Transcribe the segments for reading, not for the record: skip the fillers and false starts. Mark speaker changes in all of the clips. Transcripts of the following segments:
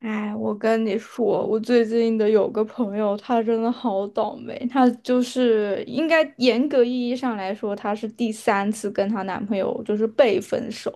Speaker 1: 哎，我跟你说，我最近的有个朋友，她真的好倒霉。她就是应该严格意义上来说，她是第三次跟她男朋友就是被分手，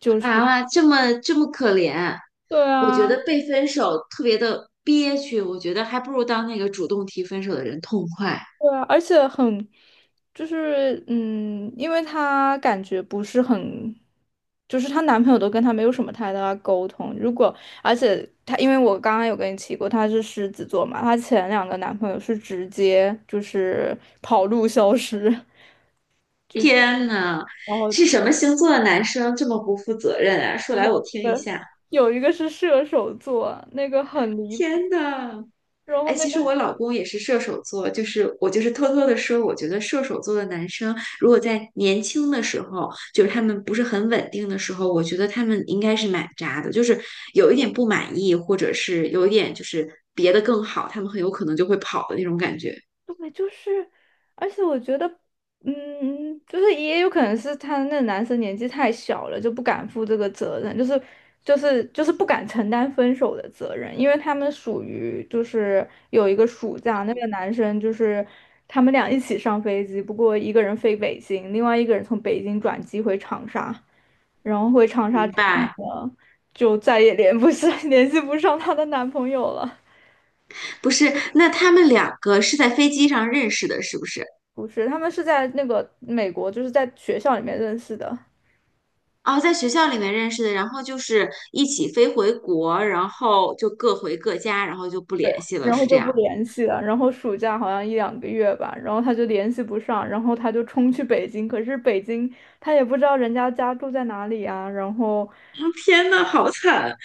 Speaker 1: 就是
Speaker 2: 啊，这么可怜，
Speaker 1: 对
Speaker 2: 我觉
Speaker 1: 啊，
Speaker 2: 得被分手特别的憋屈，我觉得还不如当那个主动提分手的人痛快。
Speaker 1: 对啊，而且很因为她感觉不是很，就是她男朋友都跟她没有什么太大的沟通。而且她，因为我刚刚有跟你提过，她是狮子座嘛，她前两个男朋友是直接就是跑路消失。
Speaker 2: 天呐，
Speaker 1: 然后
Speaker 2: 是什么星座的男生这么不负责任啊？
Speaker 1: 有
Speaker 2: 说来我
Speaker 1: 一
Speaker 2: 听一
Speaker 1: 个
Speaker 2: 下。
Speaker 1: 有一个是射手座，那个很离谱。
Speaker 2: 天呐，
Speaker 1: 然后
Speaker 2: 哎，其实我老公也是射手座，就是我就是偷偷的说，我觉得射手座的男生，如果在年轻的时候，就是他们不是很稳定的时候，我觉得他们应该是蛮渣的，就是有一点不满意，或者是有一点就是别的更好，他们很有可能就会跑的那种感觉。
Speaker 1: 对，就是，而且我觉得，嗯，就是也有可能是他那男生年纪太小了，就不敢负这个责任，就是不敢承担分手的责任，因为他们属于就是有一个暑假，那个男生就是他们俩一起上飞机，不过一个人飞北京，另外一个人从北京转机回长沙，然后回长沙
Speaker 2: 明
Speaker 1: 之后
Speaker 2: 白。
Speaker 1: 呢，就再也联不上 联系不上她的男朋友了。
Speaker 2: 不是，那他们两个是在飞机上认识的，是不是？
Speaker 1: 不是，他们是在那个美国，就是在学校里面认识的，
Speaker 2: 哦，在学校里面认识的，然后就是一起飞回国，然后就各回各家，然后就不联系了，
Speaker 1: 然
Speaker 2: 是
Speaker 1: 后
Speaker 2: 这
Speaker 1: 就
Speaker 2: 样。
Speaker 1: 不联系了。然后暑假好像一两个月吧，然后他就联系不上，然后他就冲去北京。可是北京他也不知道人家家住在哪里啊，然后
Speaker 2: 天呐，好惨！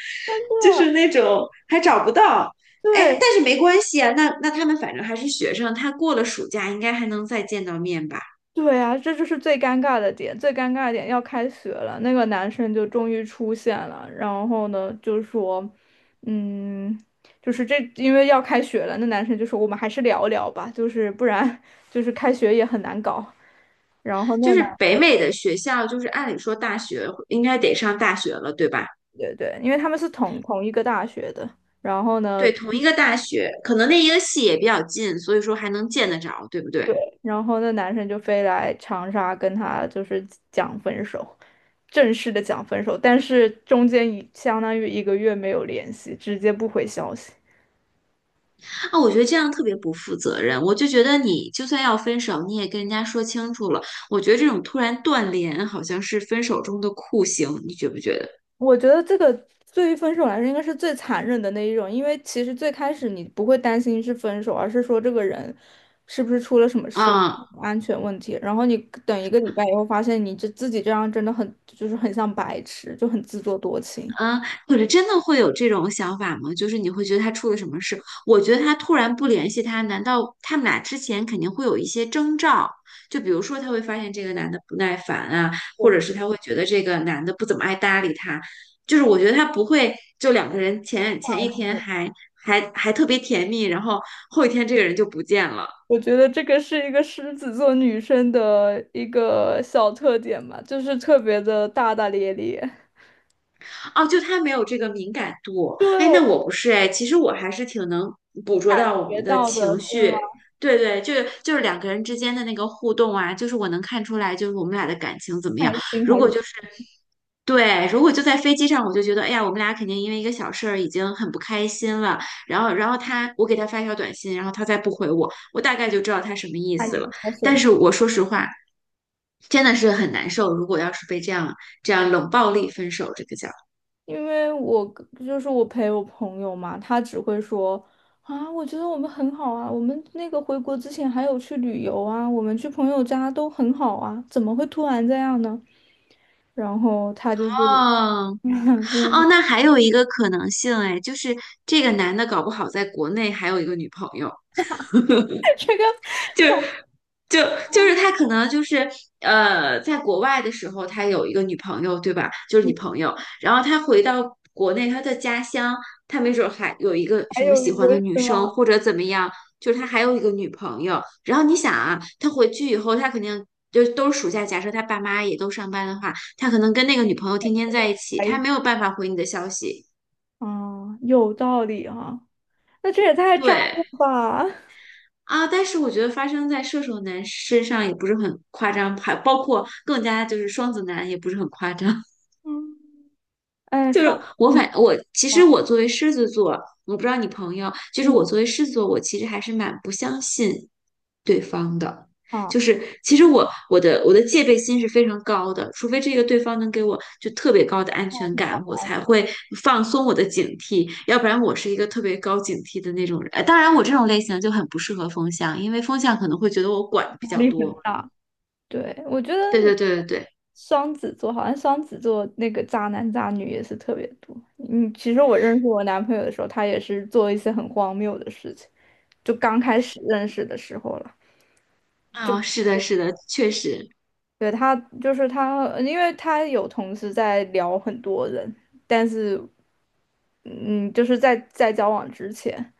Speaker 2: 就是那种还找不到。
Speaker 1: 对，
Speaker 2: 哎，但是没关系啊，那他们反正还是学生，他过了暑假应该还能再见到面吧？
Speaker 1: 对啊，这就是最尴尬的点，最尴尬的点要开学了，那个男生就终于出现了，然后呢就说，嗯，就是这因为要开学了，那男生就说我们还是聊聊吧，就是不然就是开学也很难搞。然后
Speaker 2: 就
Speaker 1: 那
Speaker 2: 是
Speaker 1: 男，
Speaker 2: 北美的学校，就是按理说大学应该得上大学了，对吧？
Speaker 1: 对对，因为他们是同一个大学的，然后呢，
Speaker 2: 对，同一个大学，可能那一个系也比较近，所以说还能见得着，对不对？
Speaker 1: 对，然后那男生就飞来长沙跟他就是讲分手。正式的讲分手，但是中间相当于一个月没有联系，直接不回消息。
Speaker 2: 啊，我觉得这样特别不负责任。我就觉得你就算要分手，你也跟人家说清楚了。我觉得这种突然断联好像是分手中的酷刑，你觉不觉得？
Speaker 1: 我觉得这个对于分手来说，应该是最残忍的那一种，因为其实最开始你不会担心是分手，而是说这个人是不是出了什么事，
Speaker 2: 啊、
Speaker 1: 安全问题。然后你等一个礼拜以后，发现你这自己这样真的很很像白痴，就很自作多情。
Speaker 2: 嗯，或者真的会有这种想法吗？就是你会觉得他出了什么事？我觉得他突然不联系他，难道他们俩之前肯定会有一些征兆？就比如说他会发现这个男的不耐烦啊，或者是他会觉得这个男的不怎么爱搭理他。就是我觉得他不会，就两个人前一天还特别甜蜜，然后后一天这个人就不见了。
Speaker 1: 我觉得这个是一个狮子座女生的一个小特点嘛，就是特别的大大咧咧。
Speaker 2: 哦，就他没有这个敏感度。哎，
Speaker 1: 对，
Speaker 2: 那我不是哎，其实我还是挺能捕捉到我
Speaker 1: 学
Speaker 2: 们的
Speaker 1: 到的，
Speaker 2: 情
Speaker 1: 对吧？
Speaker 2: 绪。对对，就是两个人之间的那个互动啊，就是我能看出来，就是我们俩的感情怎么
Speaker 1: 开
Speaker 2: 样。
Speaker 1: 心
Speaker 2: 如
Speaker 1: 还是
Speaker 2: 果就是对，如果就在飞机上，我就觉得，哎呀，我们俩肯定因为一个小事儿已经很不开心了。然后，然后他，我给他发一条短信，然后他再不回我，我大概就知道他什么意
Speaker 1: 看
Speaker 2: 思
Speaker 1: 你
Speaker 2: 了。
Speaker 1: 的
Speaker 2: 但
Speaker 1: 选择？
Speaker 2: 是我说实话，真的是很难受。如果要是被这样冷暴力分手，这个叫。
Speaker 1: 因为就是我陪我朋友嘛，他只会说啊，我觉得我们很好啊，我们那个回国之前还有去旅游啊，我们去朋友家都很好啊，怎么会突然这样呢？然后他就是，
Speaker 2: 哦 哦，
Speaker 1: 嗯，
Speaker 2: 那还有一个可能性哎，就是这个男的搞不好在国内还有一个女朋友。
Speaker 1: 这个
Speaker 2: 就。就他可能就是在国外的时候，他有一个女朋友，对吧？就是女
Speaker 1: 你
Speaker 2: 朋友。然后他回到国内，他的家乡，他没准儿还有一个
Speaker 1: 还
Speaker 2: 什么
Speaker 1: 有
Speaker 2: 喜
Speaker 1: 一个
Speaker 2: 欢的女
Speaker 1: 是吗？
Speaker 2: 生，或者怎么样，就是他还有一个女朋友。然后你想啊，他回去以后，他肯定就都是暑假，假设他爸妈也都上班的话，他可能跟那个女朋友天天在一起，
Speaker 1: 还
Speaker 2: 他
Speaker 1: 一
Speaker 2: 没有办法回你的消息。
Speaker 1: 啊，有道理啊，那这也太渣
Speaker 2: 对。
Speaker 1: 了吧？
Speaker 2: 啊，但是我觉得发生在射手男身上也不是很夸张，还包括更加就是双子男也不是很夸张。
Speaker 1: 嗯，哎，
Speaker 2: 就
Speaker 1: 双
Speaker 2: 是我
Speaker 1: 子
Speaker 2: 反我其实
Speaker 1: 啊，
Speaker 2: 我作为狮子座，我不知道你朋友，就是
Speaker 1: 嗯
Speaker 2: 我作为狮子座，我其实还是蛮不相信对方的。
Speaker 1: 啊，
Speaker 2: 就是其实我的戒备心是非常高的，除非这个对方能给我就特别高的安全感，我才会放松我的警惕，要不然我是一个特别高警惕的那种人。当然，我这种类型就很不适合风象，因为风象可能会觉得我管的比
Speaker 1: 压
Speaker 2: 较
Speaker 1: 力很
Speaker 2: 多。
Speaker 1: 大。对，我觉得
Speaker 2: 对
Speaker 1: 你
Speaker 2: 对对对对。
Speaker 1: 双子座好像双子座那个渣男渣女也是特别多。嗯，其实我认识我男朋友的时候，他也是做一些很荒谬的事情，就刚开始认识的时候了。
Speaker 2: 啊、
Speaker 1: 就
Speaker 2: 是的，是的，确实。
Speaker 1: 对他，就是他，因为他有同时在聊很多人，但是嗯，就是在交往之前，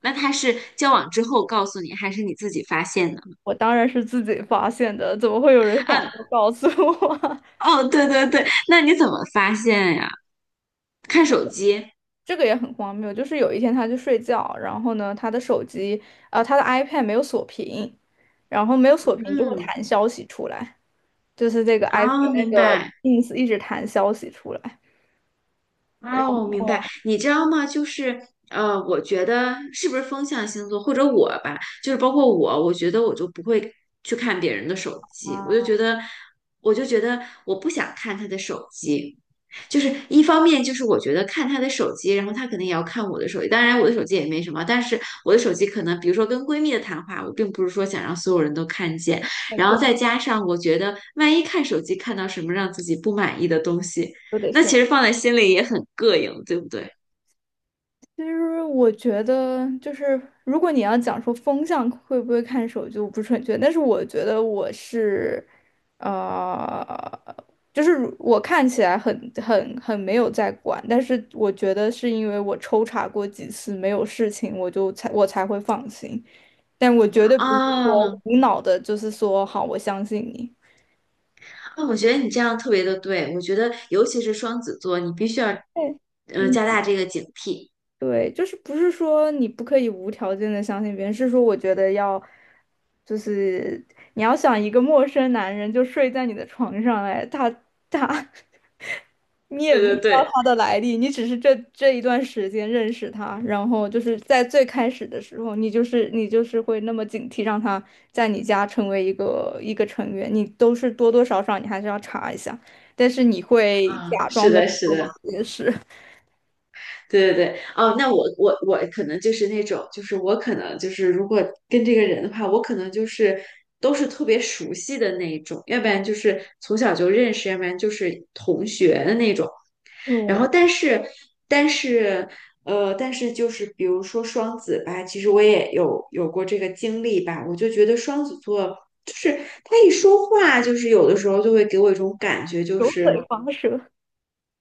Speaker 2: 那他是交往之后告诉你，还是你自己发现的？
Speaker 1: 我当然是自己发现的，怎么会有人傻
Speaker 2: 啊，
Speaker 1: 到告诉我？
Speaker 2: 哦，对对对，那你怎么发现呀？看手机。
Speaker 1: 这个也很荒谬，就是有一天他去睡觉，然后呢，他的手机，他的 iPad 没有锁屏，然后没有锁屏就会
Speaker 2: 嗯，
Speaker 1: 弹消息出来，就是这个 iPad
Speaker 2: 啊，
Speaker 1: 那
Speaker 2: 明
Speaker 1: 个
Speaker 2: 白。
Speaker 1: Ins 一直弹消息出来，
Speaker 2: 哦，明白。你知道吗？就是我觉得是不是风象星座，或者我吧，就是包括我，我觉得我就不会去看别人的手机。我就觉得我不想看他的手机。就是一方面，就是我觉得看他的手机，然后他肯定也要看我的手机。当然，我的手机也没什么，但是我的手机可能，比如说跟闺蜜的谈话，我并不是说想让所有人都看见。然后再加上，我觉得万一看手机看到什么让自己不满意的东西。
Speaker 1: 都得
Speaker 2: 那
Speaker 1: 先。
Speaker 2: 其实放在心里也很膈应，对不对？
Speaker 1: 其实我觉得，就是如果你要讲说风向会不会看手机，我不是很确定。但是我觉得我是，呃，就是我看起来很没有在管，但是我觉得是因为我抽查过几次没有事情，我才会放心。但我绝对不是说
Speaker 2: 啊，
Speaker 1: 无脑的，就是说好，我相信你。
Speaker 2: 那我觉得你这样特别的对，我觉得尤其是双子座，你必须要，
Speaker 1: 对，
Speaker 2: 嗯、加大这个警惕。
Speaker 1: 对，就是不是说你不可以无条件的相信别人，是说我觉得要，就是你要想一个陌生男人就睡在你的床上，哎，他 你也
Speaker 2: 对
Speaker 1: 不知
Speaker 2: 对
Speaker 1: 道
Speaker 2: 对，
Speaker 1: 他的来历，你只是这一段时间认识他，然后就是在最开始的时候，你就是会那么警惕，让他在你家成为一个一个成员，你都是多多少少你还是要查一下，但是你会
Speaker 2: 啊，
Speaker 1: 假装
Speaker 2: 是
Speaker 1: 没有
Speaker 2: 的，是
Speaker 1: 做
Speaker 2: 的，
Speaker 1: 这些事，
Speaker 2: 对对对。哦，那我可能就是那种，就是我可能就是如果跟这个人的话，我可能就是都是特别熟悉的那一种，要不然就是从小就认识，要不然就是同学的那种。然
Speaker 1: 嗯，
Speaker 2: 后，但是，但是，但是就是比如说双子吧，其实我也有过这个经历吧，我就觉得双子座就是他一说话，就是有的时候就会给我一种感觉，就
Speaker 1: 油
Speaker 2: 是
Speaker 1: 嘴滑舌。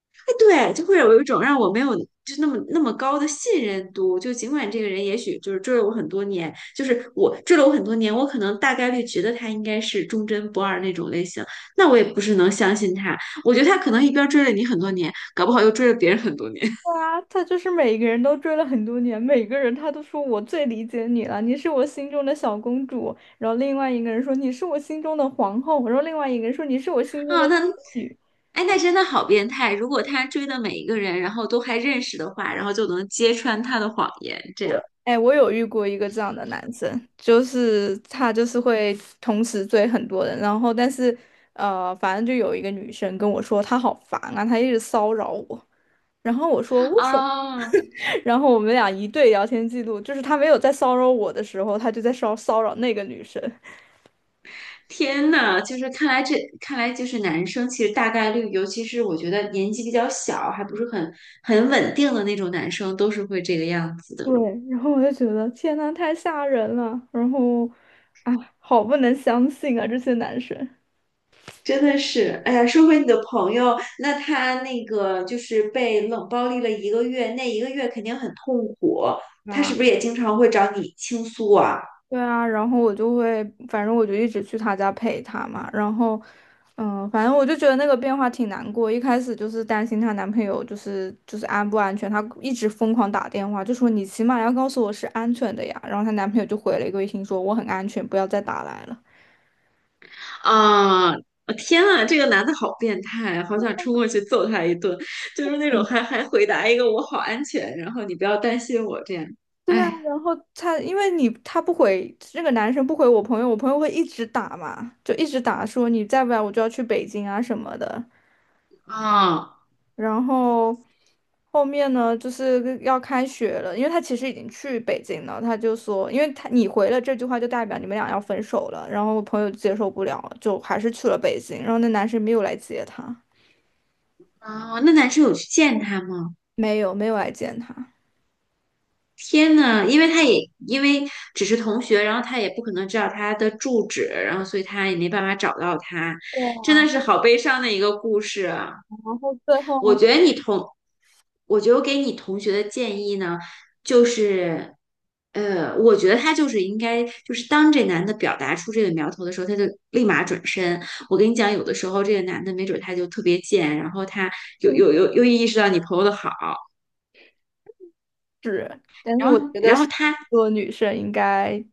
Speaker 2: 哎，对，就会有一种让我没有。就那么高的信任度，就尽管这个人也许就是追了我很多年，就是我追了我很多年，我可能大概率觉得他应该是忠贞不二那种类型，那我也不是能相信他。我觉得他可能一边追了你很多年，搞不好又追了别人很多年。
Speaker 1: 啊，他就是每个人都追了很多年，每个人他都说我最理解你了，你是我心中的小公主。然后另外一个人说你是我心中的皇后，然后另外一个人说你是我心中的
Speaker 2: 啊，
Speaker 1: 仙女。
Speaker 2: 哎，那真的好变态！如果他追的每一个人，然后都还认识的话，然后就能揭穿他的谎言，这
Speaker 1: 我，
Speaker 2: 样。
Speaker 1: 哎，我有遇过一个这样的男生，就是他就是会同时追很多人，然后但是反正就有一个女生跟我说她好烦啊，她一直骚扰我。然后我说为什么？
Speaker 2: 啊，
Speaker 1: 然后我们俩一对聊天记录，就是他没有在骚扰我的时候，他就在骚扰那个女生。
Speaker 2: 天呐，就是看来就是男生其实大概率，尤其是我觉得年纪比较小，还不是很稳定的那种男生，都是会这个样子
Speaker 1: 对，
Speaker 2: 的。
Speaker 1: 然后我就觉得天呐，太吓人了，然后啊，好不能相信啊，这些男生。
Speaker 2: 真的是，哎呀，说回你的朋友，那他那个就是被冷暴力了一个月，那一个月肯定很痛苦，
Speaker 1: 对
Speaker 2: 他
Speaker 1: 啊，
Speaker 2: 是不是也经常会找你倾诉啊？
Speaker 1: 对啊，然后我就会，反正我就一直去他家陪他嘛。然后，嗯，反正我就觉得那个变化挺难过。一开始就是担心她男朋友就是安不安全，她一直疯狂打电话，就说你起码要告诉我是安全的呀。然后她男朋友就回了一个微信说我很安全，不要再打来了。
Speaker 2: 啊！哦，天啊，这个男的好变态，好想冲过去揍他一顿，就是那种还还回答一个"我好安全"，然后你不要担心我这样。
Speaker 1: 对啊，
Speaker 2: 哎，
Speaker 1: 然后他因为你他不回那个男生不回我朋友，我朋友会一直打嘛，就一直打说你再不来我就要去北京啊什么的。
Speaker 2: 啊，
Speaker 1: 然后后面呢，就是要开学了，因为他其实已经去北京了，他就说，因为他你回了这句话就代表你们俩要分手了。然后我朋友接受不了了，就还是去了北京。然后那男生没有来接他，
Speaker 2: 哦，那男生有去见他吗？
Speaker 1: 没有没有来见他。
Speaker 2: 天呐，因为因为只是同学，然后他也不可能知道他的住址，然后所以他也没办法找到他，
Speaker 1: 对
Speaker 2: 真
Speaker 1: 啊，
Speaker 2: 的是好悲伤的一个故事啊。
Speaker 1: 然后最
Speaker 2: 我
Speaker 1: 后
Speaker 2: 觉得你同，我觉得我给你同学的建议呢，就是，我觉得他就是应该，就是当这男的表达出这个苗头的时候，他就立马转身。我跟你讲，有的时候这个男的没准他就特别贱，然后他又意识到你朋友的好，
Speaker 1: 但是
Speaker 2: 然
Speaker 1: 我
Speaker 2: 后
Speaker 1: 觉得
Speaker 2: 然后他。
Speaker 1: 做女生应该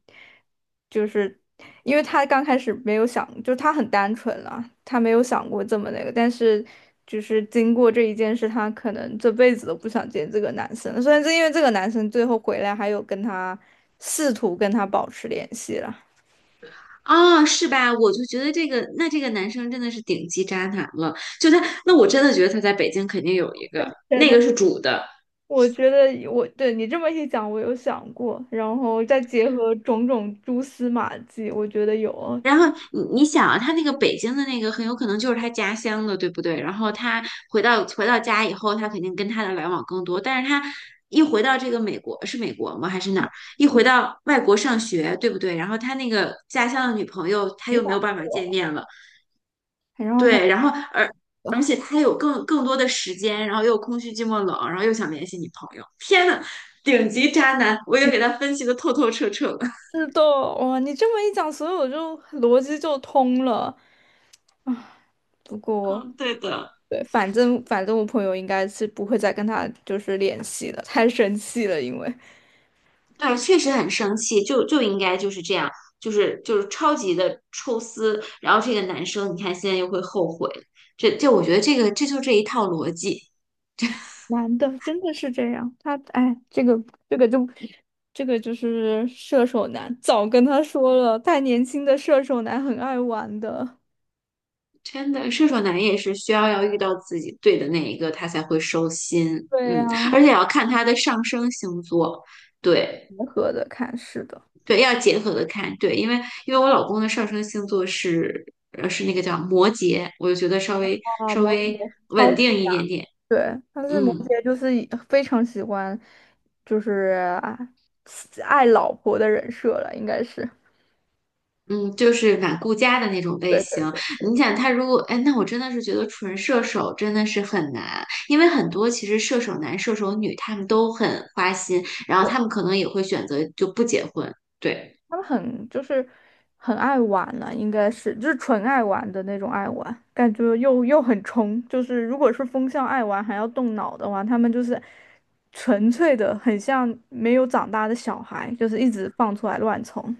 Speaker 1: 就是，因为他刚开始没有想，就他很单纯了，他没有想过这么那个，但是就是经过这一件事，他可能这辈子都不想见这个男生了。虽然是因为这个男生最后回来，还有试图跟他保持联系了。
Speaker 2: 哦，是吧？我就觉得这个，那这个男生真的是顶级渣男了。就他，那我真的觉得他在北京肯定有一个，
Speaker 1: 对，
Speaker 2: 那
Speaker 1: 但
Speaker 2: 个是主的，
Speaker 1: 我觉得我对你这么一讲，我有想过，然后再结合种种蛛丝马迹，我觉得有
Speaker 2: 然后你想啊，他那个北京的那个很有可能就是他家乡的，对不对？然后他回到家以后，他肯定跟他的来往更多。但是他一回到这个美国，是美国吗？还是哪儿？一回到外国上学，对不对？然后他那个家乡的女朋友，他
Speaker 1: 没
Speaker 2: 又
Speaker 1: 法
Speaker 2: 没有办法
Speaker 1: 过
Speaker 2: 见
Speaker 1: 了。
Speaker 2: 面了，
Speaker 1: 然后他。
Speaker 2: 对。然后而且他有更多的时间，然后又空虚、寂寞、冷，然后又想联系女朋友，顶级渣男，我已经给他分析的透透彻彻了。
Speaker 1: 是的，哇，你这么一讲，所以我就逻辑就通了。不过，
Speaker 2: 嗯，对的。
Speaker 1: 对，反正我朋友应该是不会再跟他就是联系了，太生气了，因为
Speaker 2: 对，确实很生气，就应该就是这样，就是超级的抽丝。然后这个男生，你看现在又会后悔，这我觉得这一套逻辑，
Speaker 1: 男的真的是这样，他哎，这个这个就这个就是射手男，早跟他说了，太年轻的射手男很爱玩的。
Speaker 2: 真的射手男也是需要遇到自己对的那一个，他才会收心。
Speaker 1: 对呀、
Speaker 2: 嗯，而且要看他的上升星座，对
Speaker 1: 结合的看，是的。
Speaker 2: 对，要结合的看。对，因为我老公的上升星座是是那个叫摩羯，我就觉得稍微
Speaker 1: 啊，
Speaker 2: 稍
Speaker 1: 摩
Speaker 2: 微
Speaker 1: 羯超
Speaker 2: 稳
Speaker 1: 级。
Speaker 2: 定一点点。
Speaker 1: 对，但是摩
Speaker 2: 嗯。
Speaker 1: 羯就是以非常喜欢，就是啊爱老婆的人设了，应该是。
Speaker 2: 嗯，就是蛮顾家的那种类
Speaker 1: 对
Speaker 2: 型。
Speaker 1: 对
Speaker 2: 你想他如果，哎，那我真的是觉得纯射手真的是很难，因为很多其实射手男、射手女他们都很花心，然后
Speaker 1: 对，
Speaker 2: 他们可能也会选择就不结婚。对
Speaker 1: 他们很就是很爱玩了，应该是就是纯爱玩的那种爱玩，感觉又很冲。就是如果是风向爱玩还要动脑的话，他们就是纯粹的，很像没有长大的小孩，就是一直放出来乱冲。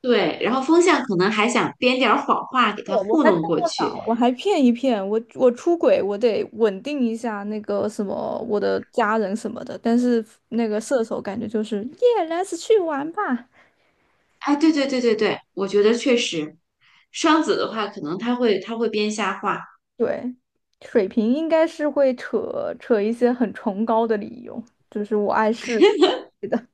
Speaker 2: 对，然后风象可能还想编点儿谎话给他
Speaker 1: 我
Speaker 2: 糊
Speaker 1: 还动
Speaker 2: 弄过
Speaker 1: 过
Speaker 2: 去。
Speaker 1: 脑，我还骗一骗我，我出轨，我得稳定一下那个什么我的家人什么的。但是那个射手感觉就是耶，let's 去玩吧。
Speaker 2: 哎，对对对对对，我觉得确实，双子的话可能他会编瞎话。
Speaker 1: 对，水瓶应该是会扯扯一些很崇高的理由，就是我爱世对的。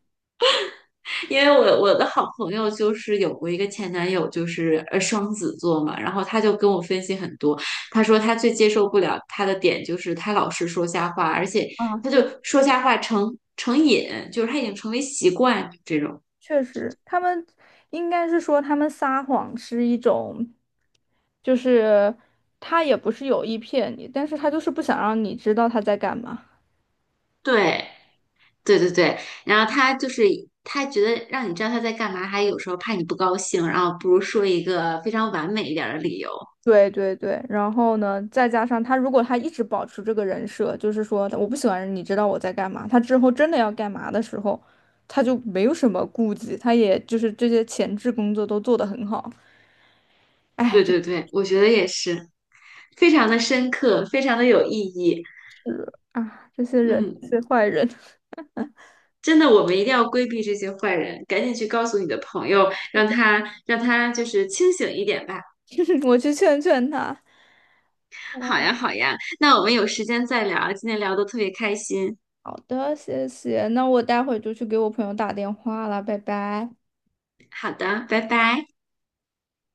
Speaker 2: 因为我的好朋友就是有过一个前男友，就是双子座嘛，然后他就跟我分析很多，他说他最接受不了他的点就是他老是说瞎话，而且
Speaker 1: 啊，
Speaker 2: 他就
Speaker 1: 对，
Speaker 2: 说
Speaker 1: 是的，
Speaker 2: 瞎话成瘾，就是他已经成为习惯这种。
Speaker 1: 确实，他们应该是说他们撒谎是一种，就是他也不是有意骗你，但是他就是不想让你知道他在干嘛。
Speaker 2: 对对对对。然后他就是他觉得让你知道他在干嘛，还有时候怕你不高兴，然后不如说一个非常完美一点儿的理由。
Speaker 1: 对对对，然后呢，再加上他，如果他一直保持这个人设，就是说我不喜欢你知道我在干嘛，他之后真的要干嘛的时候，他就没有什么顾忌，他也就是这些前置工作都做得很好。哎，
Speaker 2: 对
Speaker 1: 真
Speaker 2: 对对，我觉得也是，非常的深刻，非常的有意义。
Speaker 1: 是啊，这些人，
Speaker 2: 嗯。
Speaker 1: 这些坏人，
Speaker 2: 真的，我们一定要规避这些坏人，赶紧去告诉你的朋友，让他就是清醒一点吧。
Speaker 1: 我去劝劝他。
Speaker 2: 好呀，
Speaker 1: 哦，
Speaker 2: 好呀，那我们有时间再聊，今天聊的特别开心。
Speaker 1: 好的，谢谢，那我待会就去给我朋友打电话了，拜拜。
Speaker 2: 好的，拜拜。